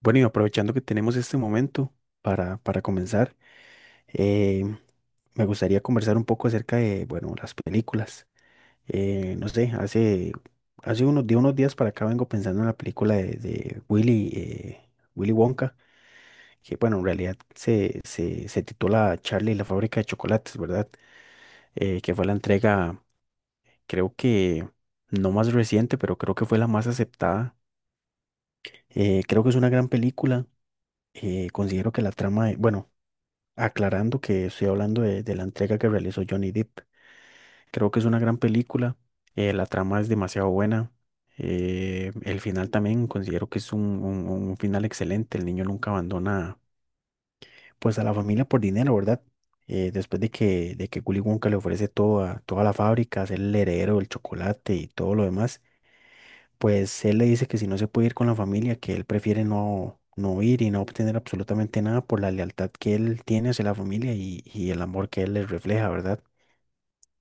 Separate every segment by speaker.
Speaker 1: Bueno, y aprovechando que tenemos este momento para comenzar, eh, me gustaría conversar un poco acerca de, bueno, las películas. No sé, hace, hace unos, de unos días para acá vengo pensando en la película de Willy, Willy Wonka, que bueno, en realidad se titula Charlie y la fábrica de chocolates, ¿verdad? Que fue la entrega, creo que no más reciente, pero creo que fue la más aceptada. Creo que es una gran película. Considero que la trama, bueno, aclarando que estoy hablando de la entrega que realizó Johnny Depp. Creo que es una gran película, la trama es demasiado buena, el final también considero que es un, un final excelente, el niño nunca abandona pues a la familia por dinero, ¿verdad? Después de que Willy Wonka le ofrece toda, toda la fábrica, ser el heredero del chocolate y todo lo demás pues él le dice que si no se puede ir con la familia, que él prefiere no, no ir y no obtener absolutamente nada por la lealtad que él tiene hacia la familia y el amor que él les refleja, ¿verdad?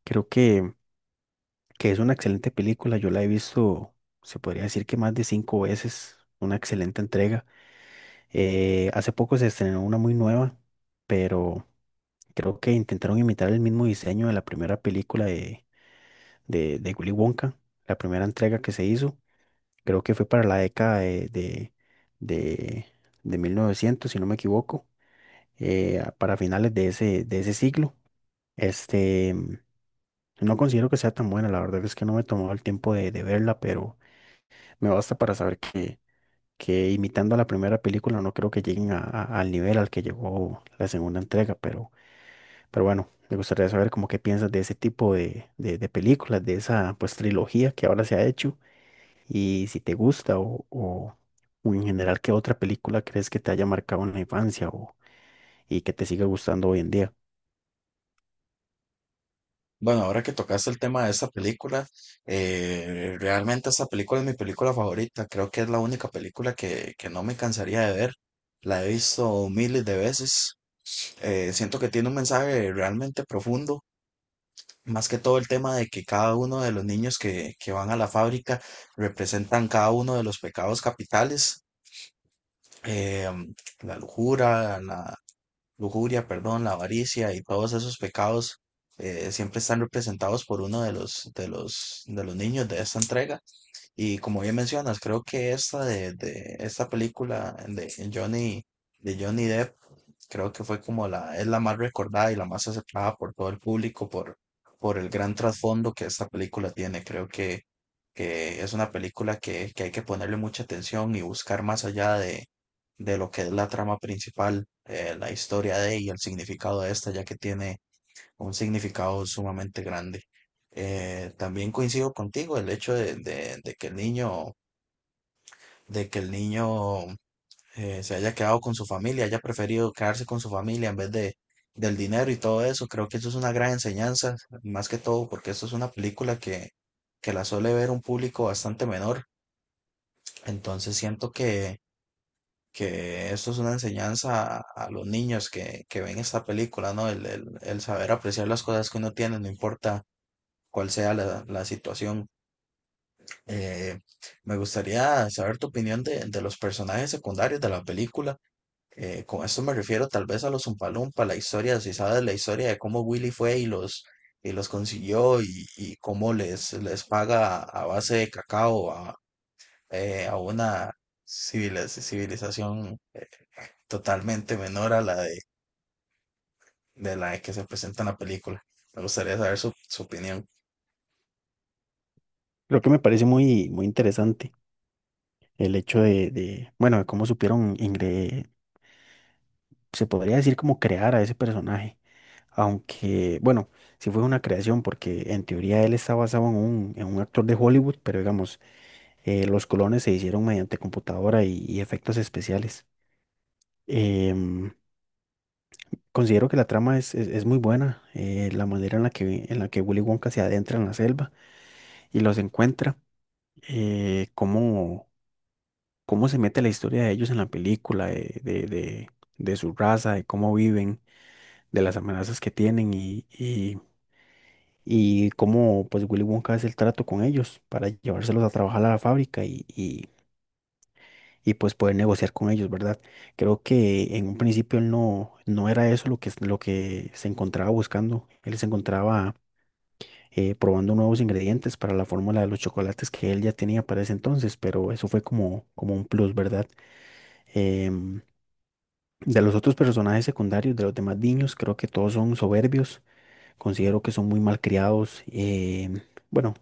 Speaker 1: Creo que es una excelente película, yo la he visto, se podría decir que más de 5 veces, una excelente entrega. Hace poco se estrenó una muy nueva, pero creo que intentaron imitar el mismo diseño de la primera película de, de Willy Wonka, la primera entrega que se hizo creo que fue para la década de, de, de 1900 si no me equivoco, para finales de ese siglo. Este, no considero que sea tan buena, la verdad es que no me he tomado el tiempo de verla, pero me basta para saber que imitando a la primera película no creo que lleguen al nivel al que llegó la segunda entrega, pero bueno, me gustaría saber como qué piensas de ese tipo de, de películas, de esa pues trilogía que ahora se ha hecho. Y si te gusta o, o en general, ¿qué otra película crees que te haya marcado en la infancia o, y que te siga gustando hoy en día?
Speaker 2: Bueno, ahora que tocaste el tema de esta película, realmente esta película es mi película favorita. Creo que es la única película que no me cansaría de ver. La he visto miles de veces. Siento que tiene un mensaje realmente profundo. Más que todo el tema de que cada uno de los niños que van a la fábrica representan cada uno de los pecados capitales. em, la lujuria, perdón, la avaricia y todos esos pecados siempre están representados por uno de los niños de esta entrega. Y como bien mencionas, creo que de esta película de de Johnny Depp, creo que fue como es la más recordada y la más aceptada por todo el público por el gran trasfondo que esta película tiene. Que es una película que hay que ponerle mucha atención y buscar más allá de lo que es la trama principal, la historia de y el significado de esta, ya que tiene un significado sumamente grande. También coincido contigo el hecho de que el niño se haya quedado con su familia, haya preferido quedarse con su familia en vez de del dinero y todo eso. Creo que eso es una gran enseñanza, más que todo porque esto es una película que la suele ver un público bastante menor. Entonces siento que esto es una enseñanza a los niños que ven esta película, ¿no? El saber apreciar las cosas que uno tiene, no importa cuál sea la situación. Eh, Me gustaría saber tu opinión de los personajes secundarios de la película. Con esto me refiero tal vez a los Umpalumpa, la historia, si sabes la historia de cómo Willy fue y los consiguió y cómo les paga a base de cacao a una civilización totalmente menor a de la que se presenta en la película. Me gustaría saber su opinión.
Speaker 1: Creo que me parece muy, muy interesante el hecho de, bueno, de cómo supieron, se podría decir como crear a ese personaje, aunque, bueno, sí fue una creación porque en teoría él está basado en un actor de Hollywood, pero digamos, los clones se hicieron mediante computadora y efectos especiales. Em, Considero que la trama es, es muy buena, la manera en la que Willy Wonka se adentra en la selva y los encuentra, eh, cómo, cómo se mete la historia de ellos en la película, de, de su raza, de cómo viven, de las amenazas que tienen y cómo pues Willy Wonka hace el trato con ellos para llevárselos a trabajar a la fábrica y pues poder negociar con ellos, ¿verdad? Creo que en un principio él no, no era eso lo que se encontraba buscando, él se encontraba probando nuevos ingredientes para la fórmula de los chocolates que él ya tenía para ese entonces, pero eso fue como, como un plus, ¿verdad? Em, de los otros personajes secundarios, de los demás niños, creo que todos son soberbios, considero que son muy malcriados, bueno,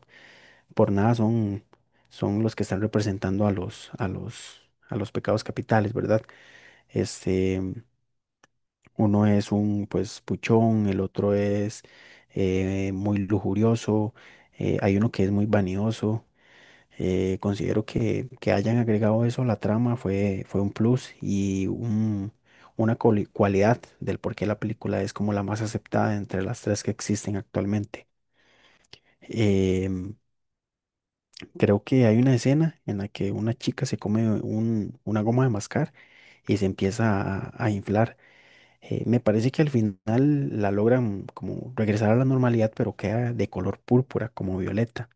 Speaker 1: por nada son, son los que están representando a los, a los pecados capitales, ¿verdad? Este, uno es un pues puchón, el otro es muy lujurioso, hay uno que es muy vanidoso. Considero que hayan agregado eso a la trama fue, fue un plus y una cualidad del por qué la película es como la más aceptada entre las tres que existen actualmente. Em, Creo que hay una escena en la que una chica se come una goma de mascar y se empieza a inflar. Me parece que al final la logran como regresar a la normalidad, pero queda de color púrpura, como violeta.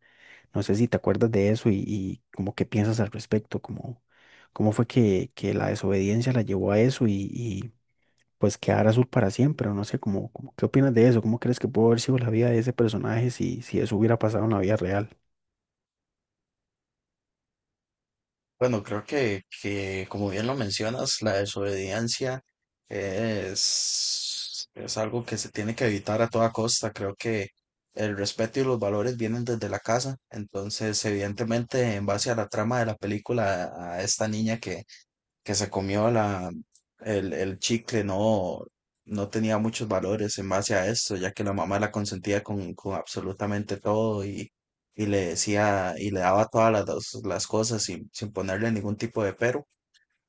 Speaker 1: No sé si te acuerdas de eso y como qué piensas al respecto, como cómo fue que la desobediencia la llevó a eso y pues quedar azul para siempre, o no sé, como, como qué opinas de eso, cómo crees que pudo haber sido la vida de ese personaje si, si eso hubiera pasado en la vida real.
Speaker 2: Bueno, creo que como bien lo mencionas, la desobediencia es algo que se tiene que evitar a toda costa. Creo que el respeto y los valores vienen desde la casa. Entonces, evidentemente, en base a la trama de la película, a esta niña que se comió el chicle no, no tenía muchos valores en base a esto, ya que la mamá la consentía con absolutamente todo y le decía y le daba todas las cosas sin ponerle ningún tipo de pero.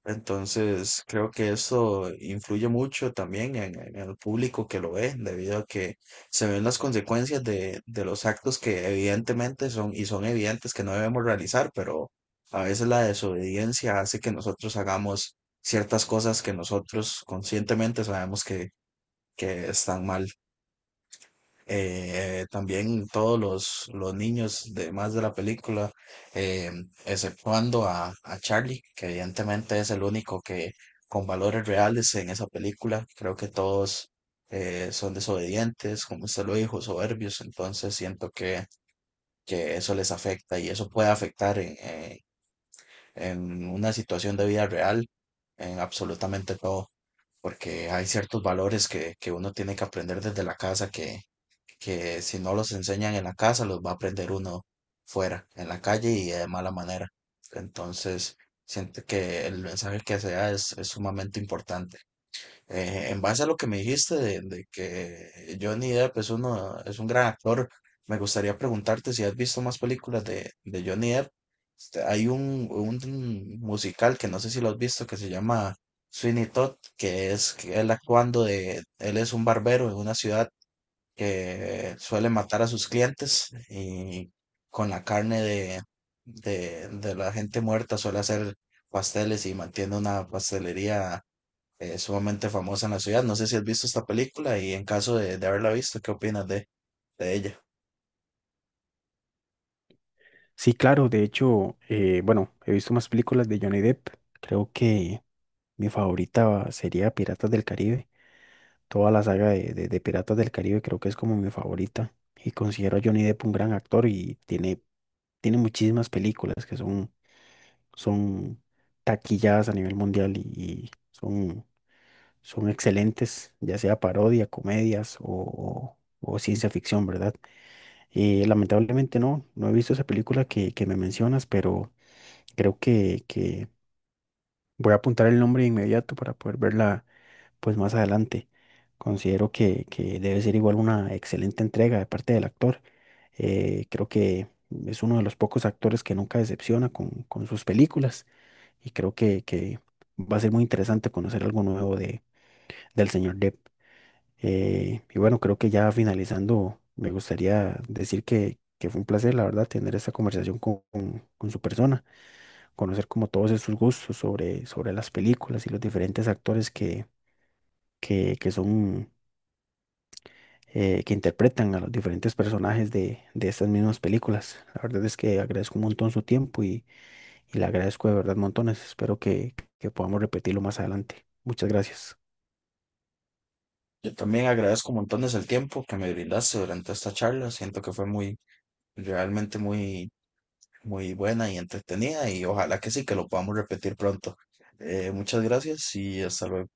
Speaker 2: Entonces, creo que eso influye mucho también en el público que lo ve, debido a que se ven las consecuencias de los actos que evidentemente son y son evidentes que no debemos realizar, pero a veces la desobediencia hace que nosotros hagamos ciertas cosas que nosotros conscientemente sabemos que están mal. También todos los niños demás de la película, eh, exceptuando a Charlie, que evidentemente es el único que con valores reales en esa película. Creo que todos son desobedientes, como usted lo dijo, soberbios, entonces siento que eso les afecta y eso puede afectar en una situación de vida real en absolutamente todo. Porque hay ciertos valores que uno tiene que aprender desde la casa, que si no los enseñan en la casa, los va a aprender uno fuera, en la calle y de mala manera. Entonces, siento que el mensaje que se da es sumamente importante. En base a lo que me dijiste de que Johnny Depp es uno, es un gran actor, me gustaría preguntarte si has visto más películas de Johnny Depp. Este, hay un musical que no sé si lo has visto que se llama Sweeney Todd, que es que él actuando de, él es un barbero en una ciudad que suele matar a sus clientes y con la carne de la gente muerta suele hacer pasteles y mantiene una pastelería sumamente famosa en la ciudad. No sé si has visto esta película y en caso de haberla visto, ¿qué opinas de ella?
Speaker 1: Sí, claro, de hecho, bueno, he visto más películas de Johnny Depp, creo que mi favorita sería Piratas del Caribe, toda la saga de Piratas del Caribe creo que es como mi favorita y considero a Johnny Depp un gran actor y tiene tiene muchísimas películas que son son taquilladas a nivel mundial y son, son excelentes, ya sea parodia, comedias o, o ciencia ficción, ¿verdad? Lamentablemente no, no he visto esa película que me mencionas, pero creo que voy a apuntar el nombre de inmediato para poder verla pues más adelante. Considero que debe ser igual una excelente entrega de parte del actor. Creo que es uno de los pocos actores que nunca decepciona con sus películas y creo que va a ser muy interesante conocer algo nuevo de, del señor Depp. Y bueno, creo que ya finalizando, me gustaría decir que fue un placer, la verdad, tener esta conversación con, con su persona, conocer como todos sus gustos sobre, sobre las películas y los diferentes actores que son que interpretan a los diferentes personajes de estas mismas películas. La verdad es que agradezco un montón su tiempo y le agradezco de verdad montones. Espero que podamos repetirlo más adelante. Muchas gracias.
Speaker 2: Yo también agradezco montones el tiempo que me brindaste durante esta charla. Siento que fue muy, realmente muy, muy buena y entretenida y ojalá que sí, que lo podamos repetir pronto. Muchas gracias y hasta luego.